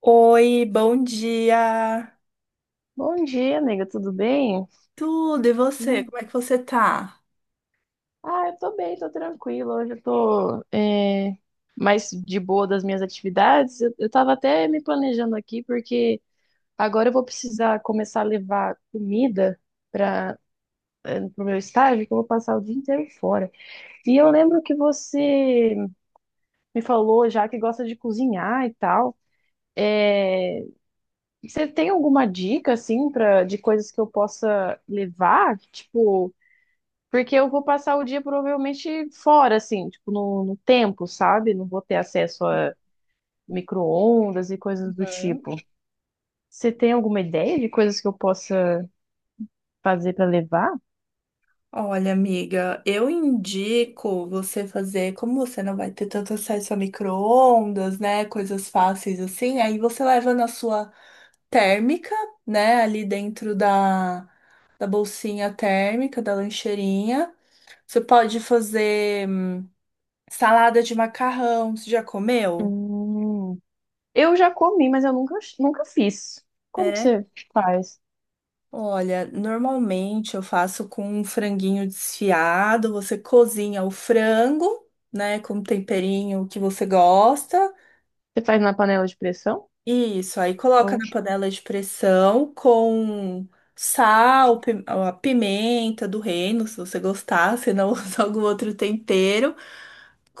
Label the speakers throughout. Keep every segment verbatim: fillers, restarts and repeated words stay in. Speaker 1: Oi, bom dia.
Speaker 2: Bom dia, amiga, tudo bem?
Speaker 1: Tudo, e você?
Speaker 2: Hum.
Speaker 1: Como é que você tá?
Speaker 2: Ah, eu tô bem, tô tranquila. Hoje eu tô é, mais de boa das minhas atividades. Eu, eu tava até me planejando aqui, porque agora eu vou precisar começar a levar comida para pro meu estágio, que eu vou passar o dia inteiro fora. E eu lembro que você me falou já que gosta de cozinhar e tal. Você tem alguma dica, assim, pra, de coisas que eu possa levar? Tipo. Porque eu vou passar o dia provavelmente fora, assim, tipo, no, no tempo, sabe? Não vou ter acesso a micro-ondas e coisas do tipo. Você tem alguma ideia de coisas que eu possa fazer para levar?
Speaker 1: Olha, amiga, eu indico você fazer, como você não vai ter tanto acesso a micro-ondas, né? Coisas fáceis assim, aí você leva na sua térmica, né? Ali dentro da, da bolsinha térmica, da lancheirinha. Você pode fazer hum, salada de macarrão, você já comeu?
Speaker 2: Hum, eu já comi, mas eu nunca, nunca fiz. Como que
Speaker 1: É.
Speaker 2: você faz?
Speaker 1: Olha, normalmente eu faço com um franguinho desfiado. Você cozinha o frango, né, com o temperinho que você gosta.
Speaker 2: Você faz na panela de pressão?
Speaker 1: Isso, aí coloca
Speaker 2: Ou-
Speaker 1: na panela de pressão com sal, pi- a pimenta do reino, se você gostar, se não usa algum outro tempero.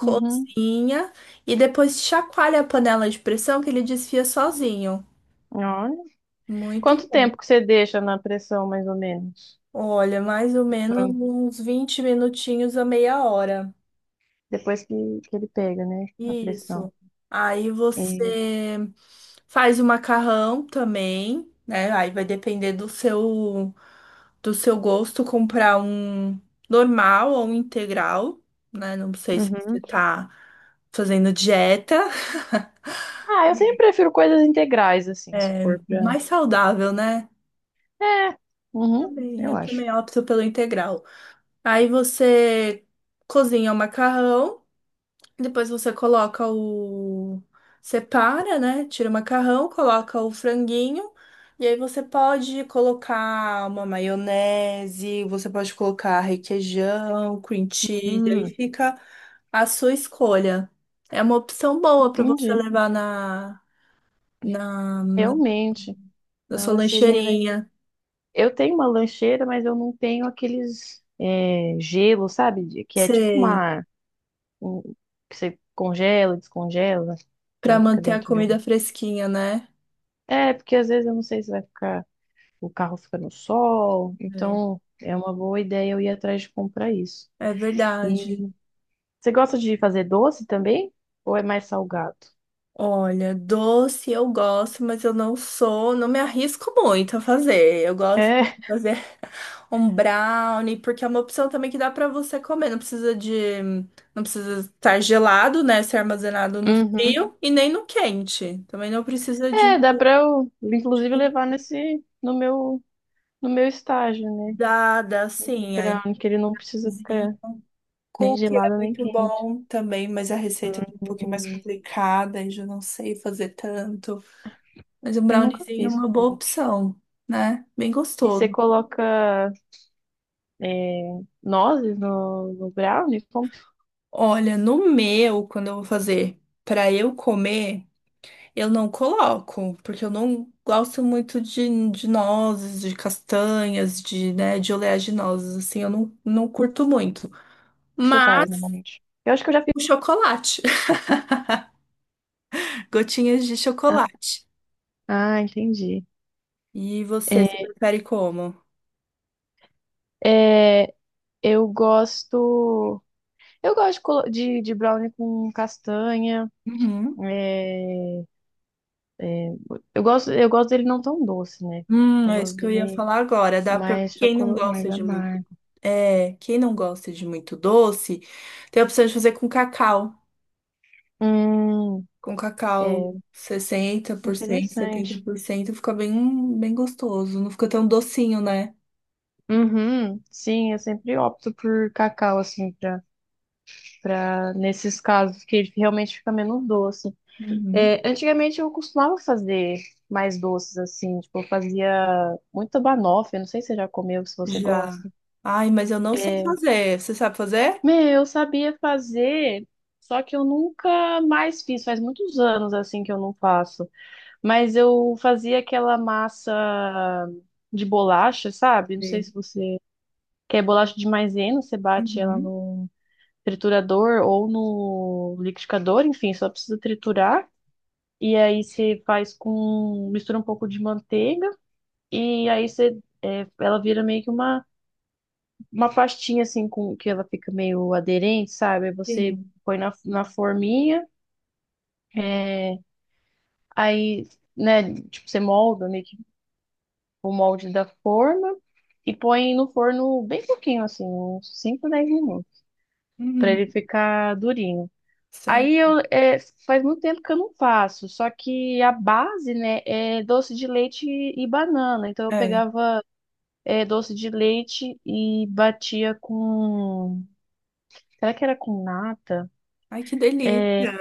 Speaker 2: Uhum.
Speaker 1: e depois chacoalha a panela de pressão que ele desfia sozinho.
Speaker 2: Olha.
Speaker 1: Muito
Speaker 2: Quanto
Speaker 1: bom.
Speaker 2: tempo que você deixa na pressão, mais ou menos?
Speaker 1: Olha, mais ou menos
Speaker 2: Pra-
Speaker 1: uns vinte minutinhos a meia hora.
Speaker 2: Depois que, que ele pega, né? A pressão.
Speaker 1: Isso. Aí
Speaker 2: É.
Speaker 1: você faz o macarrão também, né? Aí vai depender do seu do seu gosto comprar um normal ou um integral, né? Não sei se você
Speaker 2: Uhum.
Speaker 1: tá fazendo dieta,
Speaker 2: Ah, eu sempre prefiro coisas integrais, assim, se for pra.
Speaker 1: mais saudável, né?
Speaker 2: É, uhum,
Speaker 1: Também,
Speaker 2: eu
Speaker 1: eu
Speaker 2: acho.
Speaker 1: também opto pelo integral. Aí você cozinha o macarrão. Depois você coloca o. Separa, né? Tira o macarrão, coloca o franguinho. E aí você pode colocar uma maionese, você pode colocar requeijão, cream cheese, aí
Speaker 2: Hum,
Speaker 1: fica a sua escolha. É uma opção boa para você
Speaker 2: entendi.
Speaker 1: levar na, na,
Speaker 2: Realmente,
Speaker 1: na
Speaker 2: na
Speaker 1: sua
Speaker 2: lancheirinha, né?
Speaker 1: lancheirinha.
Speaker 2: Eu tenho uma lancheira, mas eu não tenho aqueles é, gelo, sabe? De- Que é tipo
Speaker 1: Sei,
Speaker 2: uma. um- que você congela, descongela,
Speaker 1: para
Speaker 2: que fica
Speaker 1: manter a
Speaker 2: dentro de
Speaker 1: comida
Speaker 2: um.
Speaker 1: fresquinha, né?
Speaker 2: É, porque às vezes eu não sei se vai ficar. O carro fica no sol,
Speaker 1: É,
Speaker 2: então é uma boa ideia eu ir atrás de comprar isso.
Speaker 1: é verdade.
Speaker 2: E você gosta de fazer doce também? Ou é mais salgado?
Speaker 1: Olha, doce eu gosto, mas eu não sou, não me arrisco muito a fazer. Eu gosto
Speaker 2: É,
Speaker 1: de fazer um brownie, porque é uma opção também que dá pra você comer. Não precisa de, não precisa estar gelado, né? Ser armazenado no
Speaker 2: uhum.
Speaker 1: frio e nem no quente. Também não precisa de,
Speaker 2: É, dá pra eu, inclusive,
Speaker 1: de
Speaker 2: levar nesse, no meu, no meu estágio, né?
Speaker 1: umidade,
Speaker 2: O
Speaker 1: assim. Aí,
Speaker 2: brownie, que ele não precisa
Speaker 1: cozinha.
Speaker 2: ficar nem
Speaker 1: Cookie é
Speaker 2: gelado nem
Speaker 1: muito
Speaker 2: quente.
Speaker 1: bom também, mas a receita é um pouquinho
Speaker 2: Hum,
Speaker 1: mais complicada e já não sei fazer tanto. Mas um
Speaker 2: eu nunca
Speaker 1: browniezinho é
Speaker 2: fiz
Speaker 1: uma boa
Speaker 2: cookie.
Speaker 1: opção, né? Bem
Speaker 2: E você
Speaker 1: gostoso.
Speaker 2: coloca é, nozes no, no brownie? Como que
Speaker 1: Olha, no meu, quando eu vou fazer para eu comer, eu não coloco, porque eu não gosto muito de, de nozes, de castanhas, de, né, de oleaginosas, assim, eu não, não curto muito.
Speaker 2: você faz
Speaker 1: Mas
Speaker 2: normalmente? Eu acho que eu já fiz.
Speaker 1: o chocolate, gotinhas de
Speaker 2: Ah,
Speaker 1: chocolate.
Speaker 2: ah, entendi.
Speaker 1: E você, se prefere como?
Speaker 2: É, eu gosto. Eu gosto de, colo- de de brownie com castanha.
Speaker 1: Uhum.
Speaker 2: Eu gosto, eu gosto dele não tão doce, né?
Speaker 1: Hum,
Speaker 2: Eu
Speaker 1: é
Speaker 2: gosto
Speaker 1: isso que eu ia
Speaker 2: dele
Speaker 1: falar agora. Dá para
Speaker 2: mais
Speaker 1: quem não
Speaker 2: chocolate,
Speaker 1: gosta
Speaker 2: mais
Speaker 1: de muito,
Speaker 2: amargo.
Speaker 1: é, quem não gosta de muito doce, tem a opção de fazer com cacau.
Speaker 2: Hum,
Speaker 1: Com cacau
Speaker 2: É
Speaker 1: sessenta por cento setenta
Speaker 2: interessante.
Speaker 1: por cento fica bem, bem gostoso. Não fica tão docinho, né?
Speaker 2: Uhum, sim, eu sempre opto por cacau, assim, pra, pra, nesses casos, que ele realmente fica menos doce.
Speaker 1: Uhum.
Speaker 2: É, antigamente eu costumava fazer mais doces, assim, tipo, eu fazia muita banoffee, não sei se você já comeu, se você
Speaker 1: Já.
Speaker 2: gosta.
Speaker 1: Ai, mas eu não sei fazer. Você sabe fazer?
Speaker 2: Meu, eu sabia fazer, só que eu nunca mais fiz, faz muitos anos, assim, que eu não faço. Mas eu fazia aquela massa de bolacha, sabe? Não sei se
Speaker 1: Sim.
Speaker 2: você quer bolacha de maisena, você bate ela
Speaker 1: Uhum.
Speaker 2: no triturador ou no liquidificador, enfim, só precisa triturar. E aí você faz com, mistura um pouco de manteiga e aí você é, ela vira meio que uma, uma, pastinha assim com que ela fica meio aderente, sabe? Aí você
Speaker 1: Sim.
Speaker 2: põe na, na forminha, é, aí, né, tipo, você molda meio que o molde da forma e põe no forno bem pouquinho, assim, uns cinco dez minutos, para
Speaker 1: Uhum.
Speaker 2: ele ficar durinho. Aí
Speaker 1: Certo.
Speaker 2: eu é, faz muito tempo que eu não faço, só que a base, né, é doce de leite e banana. Então eu
Speaker 1: É.
Speaker 2: pegava é, doce de leite e batia com, será que era com nata?
Speaker 1: Ai, que
Speaker 2: É
Speaker 1: delícia.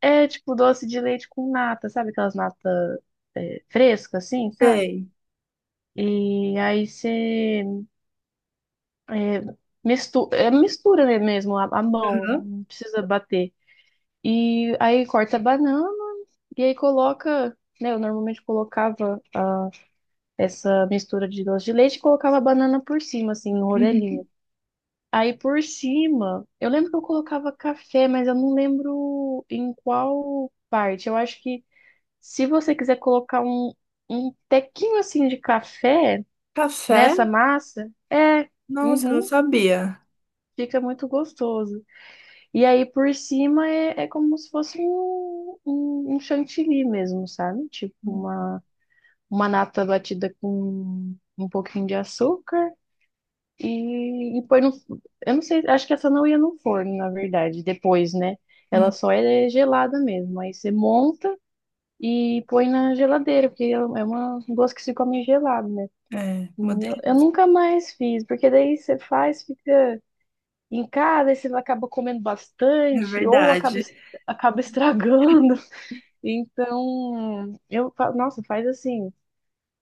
Speaker 2: é, tipo doce de leite com nata, sabe aquelas natas é, frescas assim, sabe?
Speaker 1: Sei.
Speaker 2: E aí você É, mistu é mistura, né, mesmo, a, a mão,
Speaker 1: Uhum.
Speaker 2: não precisa bater. E aí corta a banana e aí coloca, né? Eu normalmente colocava essa mistura de doce de leite e colocava a banana por cima, assim, no
Speaker 1: Uhum.
Speaker 2: rodelinho. Aí por cima, eu lembro que eu colocava café, mas eu não lembro em qual parte. Eu acho que se você quiser colocar um, um, tequinho assim de café
Speaker 1: Café?
Speaker 2: nessa massa, é,
Speaker 1: Nossa, eu não
Speaker 2: uhum,
Speaker 1: sabia.
Speaker 2: fica muito gostoso. E aí por cima é, é como se fosse um, um, um, chantilly mesmo, sabe? Tipo uma, uma nata batida com um pouquinho de açúcar e, e põe no. Eu não sei, acho que essa não ia no forno, na verdade, depois, né? Ela
Speaker 1: Uhum.
Speaker 2: só é gelada mesmo. Aí você monta e põe na geladeira, porque é uma doce que se come gelado, né?
Speaker 1: É, uma
Speaker 2: E Eu, eu
Speaker 1: delícia.
Speaker 2: nunca mais fiz, porque daí você faz, fica. Em casa, aí você acaba comendo
Speaker 1: É
Speaker 2: bastante ou acaba,
Speaker 1: verdade.
Speaker 2: es- acaba estragando. Então, eu, fa- nossa, faz assim,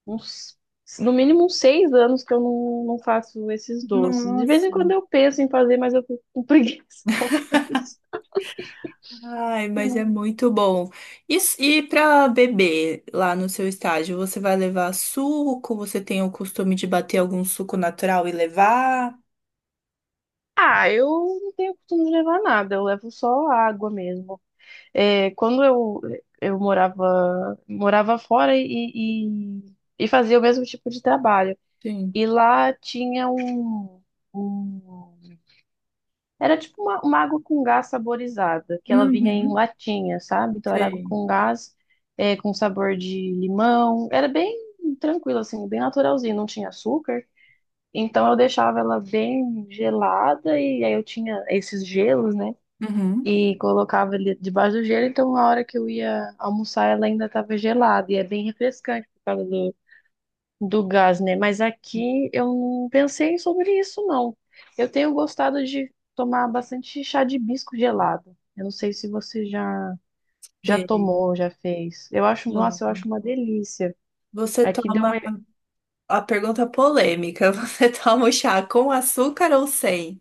Speaker 2: uns, no mínimo uns seis anos que eu não, não faço esses doces. De vez em
Speaker 1: Nossa.
Speaker 2: quando eu penso em fazer, mas eu fico com preguiça, confesso.
Speaker 1: Ai, mas é muito bom. E, e para beber lá no seu estágio, você vai levar suco? Você tem o costume de bater algum suco natural e levar?
Speaker 2: Ah, eu não tenho costume de levar nada, eu levo só água mesmo. É, quando eu, eu morava, morava fora e, e, e fazia o mesmo tipo de trabalho.
Speaker 1: Sim.
Speaker 2: E lá tinha um, um-. Era tipo uma, uma água com gás saborizada, que ela vinha em
Speaker 1: Uhum.
Speaker 2: latinha, sabe? Então era água
Speaker 1: Sei.
Speaker 2: com gás, é, com sabor de limão. Era bem tranquilo, assim, bem naturalzinho, não tinha açúcar. Então eu deixava ela bem gelada e aí eu tinha esses gelos, né?
Speaker 1: Uhum.
Speaker 2: E colocava ele debaixo do gelo, então na hora que eu ia almoçar ela ainda estava gelada. E é bem refrescante por causa do do gás, né? Mas aqui eu não pensei sobre isso, não. Eu tenho gostado de tomar bastante chá de hibisco gelado. Eu não sei se você já já
Speaker 1: Sei.
Speaker 2: tomou, já fez. Eu acho, nossa, eu
Speaker 1: Bom,
Speaker 2: acho uma delícia.
Speaker 1: Você
Speaker 2: Aqui deu
Speaker 1: toma
Speaker 2: uma...
Speaker 1: a pergunta polêmica. Você toma o chá com açúcar ou sem?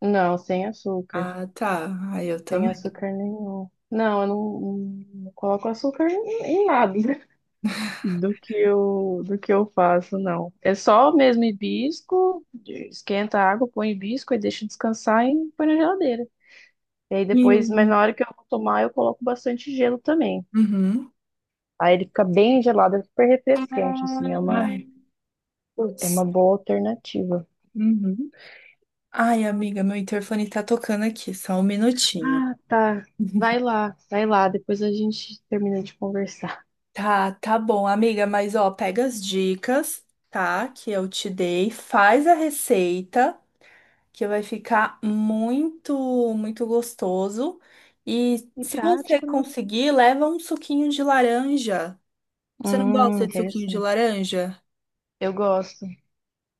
Speaker 2: Não, sem açúcar.
Speaker 1: Ah, tá. Ai, eu
Speaker 2: Sem
Speaker 1: também.
Speaker 2: açúcar nenhum. Não, eu não, não coloco açúcar em em nada do que eu do que eu faço, não. É só mesmo hibisco, esquenta a água, põe hibisco e deixa descansar e põe na geladeira. E aí
Speaker 1: E
Speaker 2: depois, mas
Speaker 1: um-
Speaker 2: na hora que eu vou tomar, eu coloco bastante gelo também.
Speaker 1: Uhum.
Speaker 2: Aí ele fica bem gelado, é super refrescante, assim, é uma,
Speaker 1: Ai,
Speaker 2: é uma
Speaker 1: putz.
Speaker 2: boa alternativa.
Speaker 1: Uhum. Ai, amiga, meu interfone tá tocando aqui. Só um minutinho.
Speaker 2: Ah, tá. Vai lá, vai lá, depois a gente termina de conversar.
Speaker 1: Tá, tá bom, amiga, mas ó, pega as dicas, tá? Que eu te dei, faz a receita, que vai ficar muito, muito gostoso. E
Speaker 2: E
Speaker 1: se você
Speaker 2: prático, né?
Speaker 1: conseguir, leva um suquinho de laranja. Você não
Speaker 2: Hum,
Speaker 1: gosta de suquinho de
Speaker 2: interessante.
Speaker 1: laranja?
Speaker 2: Eu gosto,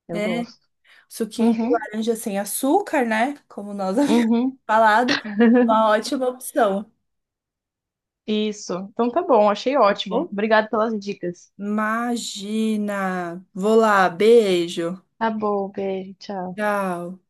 Speaker 2: eu
Speaker 1: É,
Speaker 2: gosto.
Speaker 1: suquinho de
Speaker 2: Uhum,
Speaker 1: laranja sem açúcar, né? Como nós havíamos
Speaker 2: uhum.
Speaker 1: falado, é uma ótima opção,
Speaker 2: Isso. Então tá bom, achei
Speaker 1: tá
Speaker 2: ótimo.
Speaker 1: bom?
Speaker 2: Obrigado pelas dicas.
Speaker 1: Imagina! Vou lá, beijo.
Speaker 2: Tá bom, beijo, tchau.
Speaker 1: Tchau.